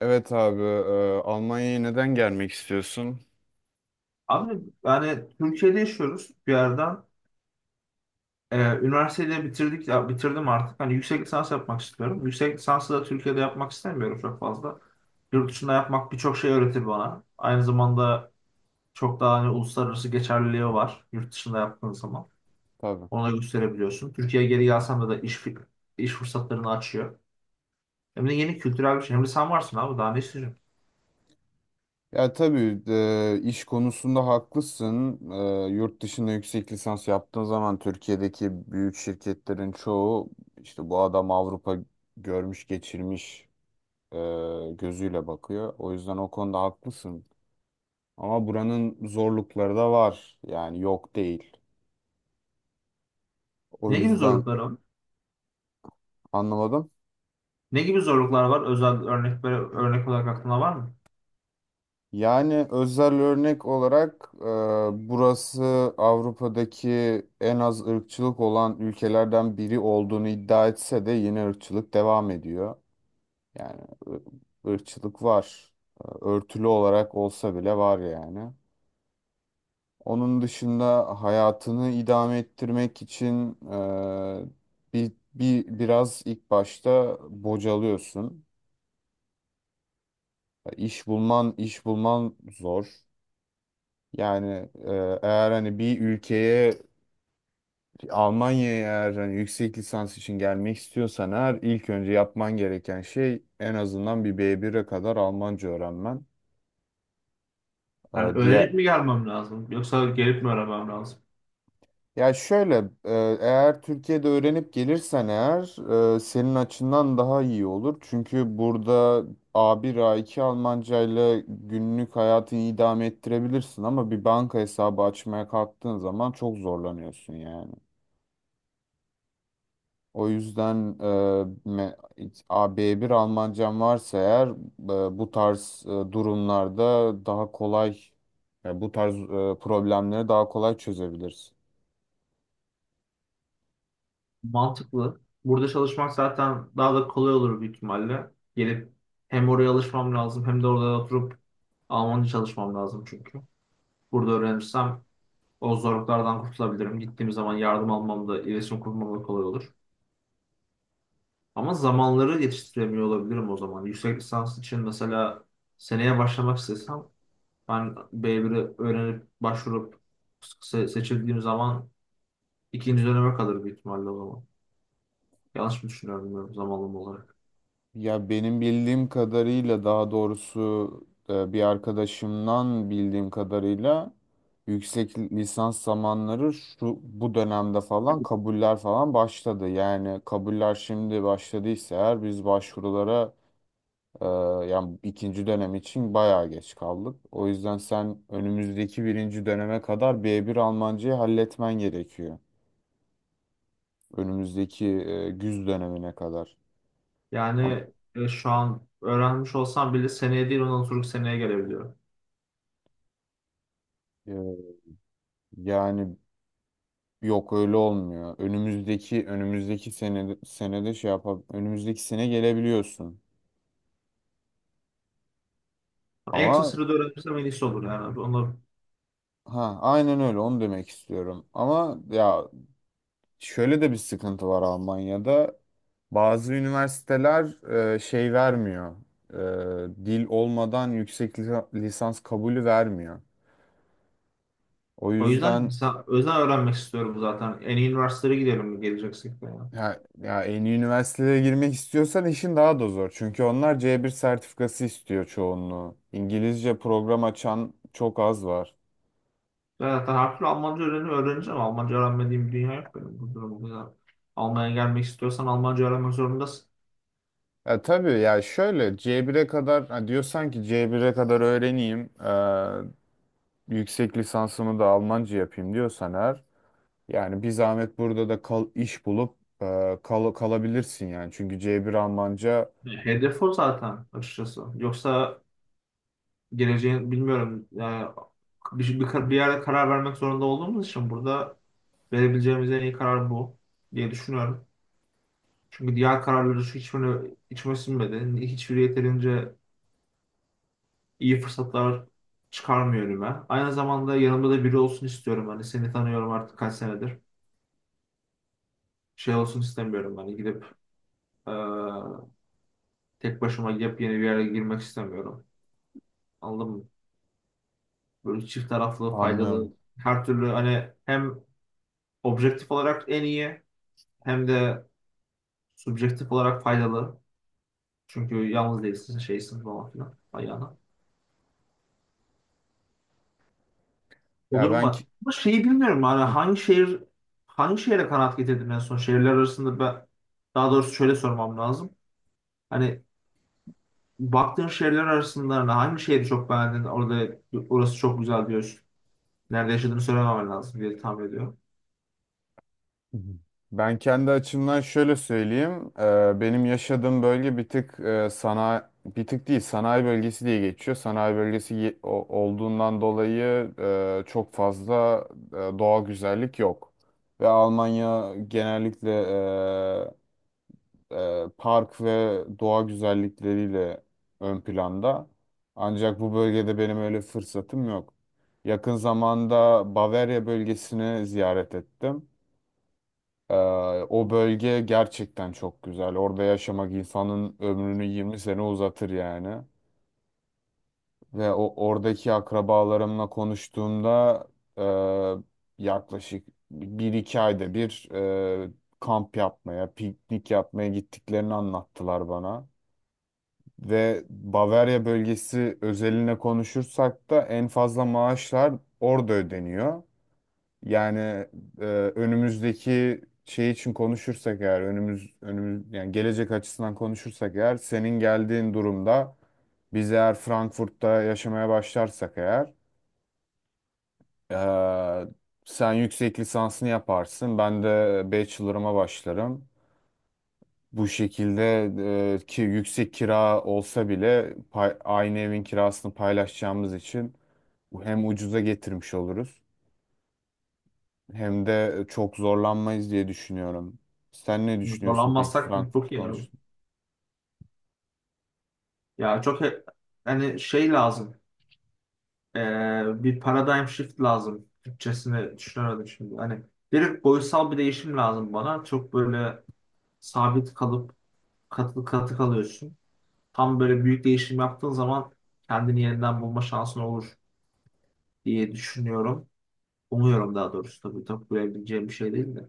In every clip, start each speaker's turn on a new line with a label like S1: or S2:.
S1: Evet abi, Almanya'ya neden gelmek istiyorsun?
S2: Abi, yani Türkiye'de yaşıyoruz bir yerden. Üniversiteyi de bitirdik ya, bitirdim artık. Hani yüksek lisans yapmak istiyorum. Yüksek lisansı da Türkiye'de yapmak istemiyorum çok fazla. Yurt dışında yapmak birçok şey öğretir bana. Aynı zamanda çok daha hani uluslararası geçerliliği var yurt dışında yaptığın zaman.
S1: Tabii.
S2: Onu da gösterebiliyorsun. Türkiye'ye geri gelsem de iş fırsatlarını açıyor. Hem de yeni kültürel bir şey. Hem de sen varsın abi, daha ne istiyorsun?
S1: Ya tabii, iş konusunda haklısın. Yurt dışında yüksek lisans yaptığın zaman Türkiye'deki büyük şirketlerin çoğu işte bu adam Avrupa görmüş geçirmiş, e, gözüyle bakıyor. O yüzden o konuda haklısın. Ama buranın zorlukları da var. Yani yok değil. O
S2: Ne gibi
S1: yüzden
S2: zorluklar var?
S1: anlamadım.
S2: Ne gibi zorluklar var? Özel örnek, böyle örnek olarak aklına var mı?
S1: Yani özel örnek olarak, burası Avrupa'daki en az ırkçılık olan ülkelerden biri olduğunu iddia etse de yine ırkçılık devam ediyor. Yani ı- ırkçılık var. Örtülü olarak olsa bile var yani. Onun dışında hayatını idame ettirmek için, biraz ilk başta bocalıyorsun. İş bulman, iş bulman zor. Yani, eğer hani bir ülkeye, Almanya'ya, eğer hani yüksek lisans için gelmek istiyorsan eğer ilk önce yapman gereken şey en azından bir B1'e kadar Almanca öğrenmen. E,
S2: Yani
S1: diğer
S2: öğrenip mi gelmem lazım, yoksa gelip mi öğrenmem lazım?
S1: ya şöyle, eğer Türkiye'de öğrenip gelirsen eğer, senin açından daha iyi olur. Çünkü burada A1 A2 Almancayla günlük hayatını idame ettirebilirsin ama bir banka hesabı açmaya kalktığın zaman çok zorlanıyorsun yani. O yüzden me- AB1 Almancam varsa eğer, bu tarz, durumlarda daha kolay, yani bu tarz, problemleri daha kolay çözebiliriz.
S2: Mantıklı. Burada çalışmak zaten daha da kolay olur büyük ihtimalle. Gelip hem oraya alışmam lazım, hem de orada oturup Almanca çalışmam lazım çünkü. Burada öğrenirsem o zorluklardan kurtulabilirim. Gittiğim zaman yardım almam da iletişim kurmam da kolay olur. Ama zamanları yetiştiremiyor olabilirim o zaman. Yüksek lisans için mesela seneye başlamak istesem ben B1'i öğrenip başvurup seçildiğim zaman İkinci döneme kalır büyük ihtimalle o zaman. Yanlış mı düşünüyorum bilmiyorum, zamanlama olarak.
S1: Ya benim bildiğim kadarıyla, daha doğrusu, bir arkadaşımdan bildiğim kadarıyla yüksek lisans zamanları şu bu dönemde falan kabuller falan başladı. Yani kabuller şimdi başladıysa eğer biz başvurulara Ee, yani ikinci dönem için bayağı geç kaldık. O yüzden sen önümüzdeki birinci döneme kadar B1 Almancayı halletmen gerekiyor. Önümüzdeki, güz dönemine kadar. Am-
S2: Yani şu an öğrenmiş olsam bile seneye değil, ondan sonraki seneye gelebiliyorum.
S1: e, yani yok öyle olmuyor. Önümüzdeki sene senede şey yapab önümüzdeki sene gelebiliyorsun.
S2: En kısa
S1: Ama
S2: sürede öğrenirsem en iyisi olur yani. Onu,
S1: ha, aynen öyle, onu demek istiyorum. Ama ya, şöyle de bir sıkıntı var Almanya'da. Bazı üniversiteler, şey vermiyor. Dil olmadan yüksek lisans kabulü vermiyor. O
S2: o yüzden
S1: yüzden
S2: mesela özel öğrenmek istiyorum zaten. En iyi üniversitelere gidelim geleceksek de yani.
S1: ya en iyi üniversitelere girmek istiyorsan işin daha da zor. Çünkü onlar C1 sertifikası istiyor çoğunluğu. İngilizce program açan çok az var.
S2: Zaten her türlü Almanca öğreneceğim. Almanca öğrenmediğim bir dünya yok benim bu durumda. Yani Almanya'ya gelmek istiyorsan Almanca öğrenmek zorundasın.
S1: Ya tabii ya, şöyle C1'e kadar ha, diyorsan ki C1'e kadar öğreneyim, yüksek lisansımı da Almanca yapayım diyorsan eğer, yani bir zahmet burada da kal, iş bulup, kalabilirsin yani. Çünkü C1 Almanca
S2: Hedef o zaten, açıkçası. Yoksa geleceğin bilmiyorum yani, bir yerde karar vermek zorunda olduğumuz için burada verebileceğimiz en iyi karar bu diye düşünüyorum. Çünkü diğer kararları şu hiçbirini içime sinmedi. Hiçbiri yeterince iyi fırsatlar çıkarmıyor önüme. Aynı zamanda yanımda da biri olsun istiyorum. Hani seni tanıyorum artık kaç senedir. Şey olsun istemiyorum. Hani gidip eee, tek başıma yepyeni bir yere girmek istemiyorum. Anladın mı? Böyle çift taraflı,
S1: anlıyorum.
S2: faydalı, her türlü, hani hem objektif olarak en iyi, hem de subjektif olarak faydalı. Çünkü yalnız değilsin, şeysin falan filan ayağına. O
S1: Ya
S2: durum
S1: ben
S2: var.
S1: ki-
S2: Ama şeyi bilmiyorum, hani
S1: Hı.
S2: hangi şehir, hangi şehre kanaat getirdim en son şehirler arasında ben, daha doğrusu şöyle sormam lazım. Hani baktığın şehirler arasında hani hangi şehri çok beğendin, orada orası çok güzel diyorsun. Nerede yaşadığını söylemem lazım diye tahmin ediyorum.
S1: Ben kendi açımdan şöyle söyleyeyim. Benim yaşadığım bölge bir tık, sanayi, bir tık değil, sanayi bölgesi diye geçiyor. Sanayi bölgesi olduğundan dolayı, çok fazla, doğal güzellik yok. Ve Almanya genellikle, park ve doğa güzellikleriyle ön planda. Ancak bu bölgede benim öyle fırsatım yok. Yakın zamanda Bavarya bölgesini ziyaret ettim. E, O bölge gerçekten çok güzel. Orada yaşamak insanın ömrünü 20 sene uzatır yani. Ve o oradaki akrabalarımla konuştuğumda, yaklaşık bir iki ayda bir, e, kamp yapmaya, piknik yapmaya gittiklerini anlattılar bana. Ve Bavarya bölgesi özeline konuşursak da en fazla maaşlar orada ödeniyor. Yani, e, önümüzdeki şey için konuşursak eğer, önümüz yani gelecek açısından konuşursak eğer, senin geldiğin durumda biz eğer Frankfurt'ta yaşamaya başlarsak eğer, e, sen yüksek lisansını yaparsın. Ben de bachelor'ıma başlarım. Bu şekilde, ki yüksek kira olsa bile aynı evin kirasını paylaşacağımız için hem ucuza getirmiş oluruz hem de çok zorlanmayız diye düşünüyorum. Sen ne düşünüyorsun peki
S2: Zorlanmazsak
S1: Frankfurt
S2: çok iyi olur.
S1: konusunda?
S2: Ya çok hani şey lazım. Bir paradigm shift lazım. Türkçesini düşünemedim şimdi. Hani bir boyutsal bir değişim lazım bana. Çok böyle sabit kalıp katı katı kalıyorsun. Tam böyle büyük değişim yaptığın zaman kendini yeniden bulma şansın olur diye düşünüyorum. Umuyorum daha doğrusu, tabii tabii bilebileceğim bir şey değil de.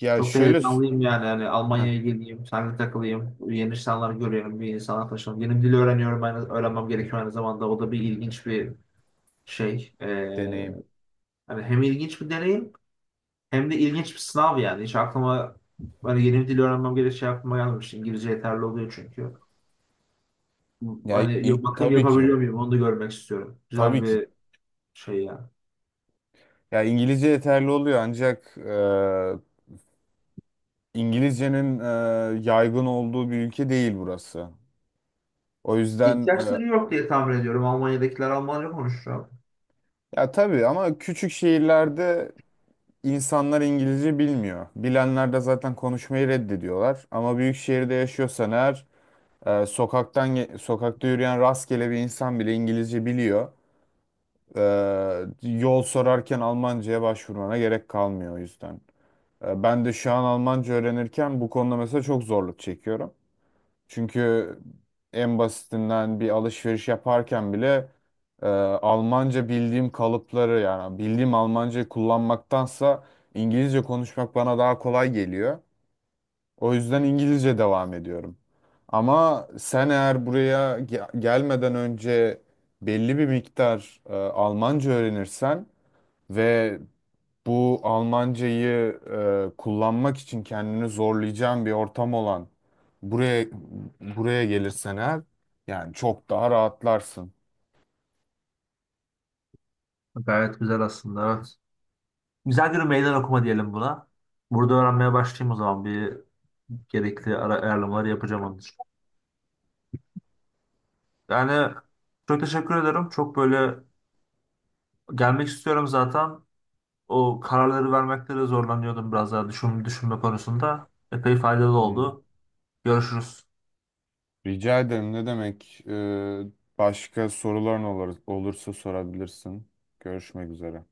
S1: Ya
S2: Çok da
S1: şöyle sü-
S2: heyecanlıyım yani. Yani
S1: Heh,
S2: Almanya'ya geleyim, seninle takılayım, yeni insanlar görüyorum, bir insanlar tanışıyorum. Yeni bir dili öğreniyorum, aynı öğrenmem gerekiyor aynı zamanda. O da bir ilginç bir şey.
S1: deneyim.
S2: Hani hem ilginç bir deneyim, hem de ilginç bir sınav yani. Hiç aklıma, hani yeni bir dil öğrenmem gereği şey aklıma gelmemiş. İngilizce yeterli oluyor çünkü. Hani ya bakayım
S1: Tabii ki.
S2: yapabiliyor muyum, onu da görmek istiyorum. Güzel
S1: Tabii ki.
S2: bir şey ya.
S1: Ya İngilizce yeterli oluyor ancak, İngilizcenin, yaygın olduğu bir ülke değil burası. O yüzden,
S2: İhtiyaçları yok diye tahmin ediyorum. Almanya'dakiler Almanca konuşuyor.
S1: ya tabii ama küçük şehirlerde İnsanlar İngilizce bilmiyor. Bilenler de zaten konuşmayı reddediyorlar. Ama büyük şehirde yaşıyorsan eğer, sokakta yürüyen rastgele bir insan bile İngilizce biliyor. E, Yol sorarken Almanca'ya başvurmana gerek kalmıyor o yüzden. Ben de şu an Almanca öğrenirken bu konuda mesela çok zorluk çekiyorum. Çünkü en basitinden bir alışveriş yaparken bile, Almanca bildiğim kalıpları, yani bildiğim Almancayı kullanmaktansa İngilizce konuşmak bana daha kolay geliyor. O yüzden İngilizce devam ediyorum. Ama sen eğer gelmeden önce belli bir miktar, Almanca öğrenirsen ve bu Almancayı, kullanmak için kendini zorlayacağın bir ortam olan buraya, buraya gelirsen eğer, yani çok daha rahatlarsın.
S2: Gayet güzel aslında, evet. Güzel bir meydan okuma diyelim buna. Burada öğrenmeye başlayayım o zaman, bir gerekli ara ayarlamaları yapacağım onun için. Yani çok teşekkür ederim. Çok böyle gelmek istiyorum zaten. O kararları vermekte de zorlanıyordum, biraz daha düşünme konusunda. Epey faydalı
S1: Hmm.
S2: oldu. Görüşürüz.
S1: Rica ederim, ne demek? Başka soruların olursa sorabilirsin. Görüşmek üzere.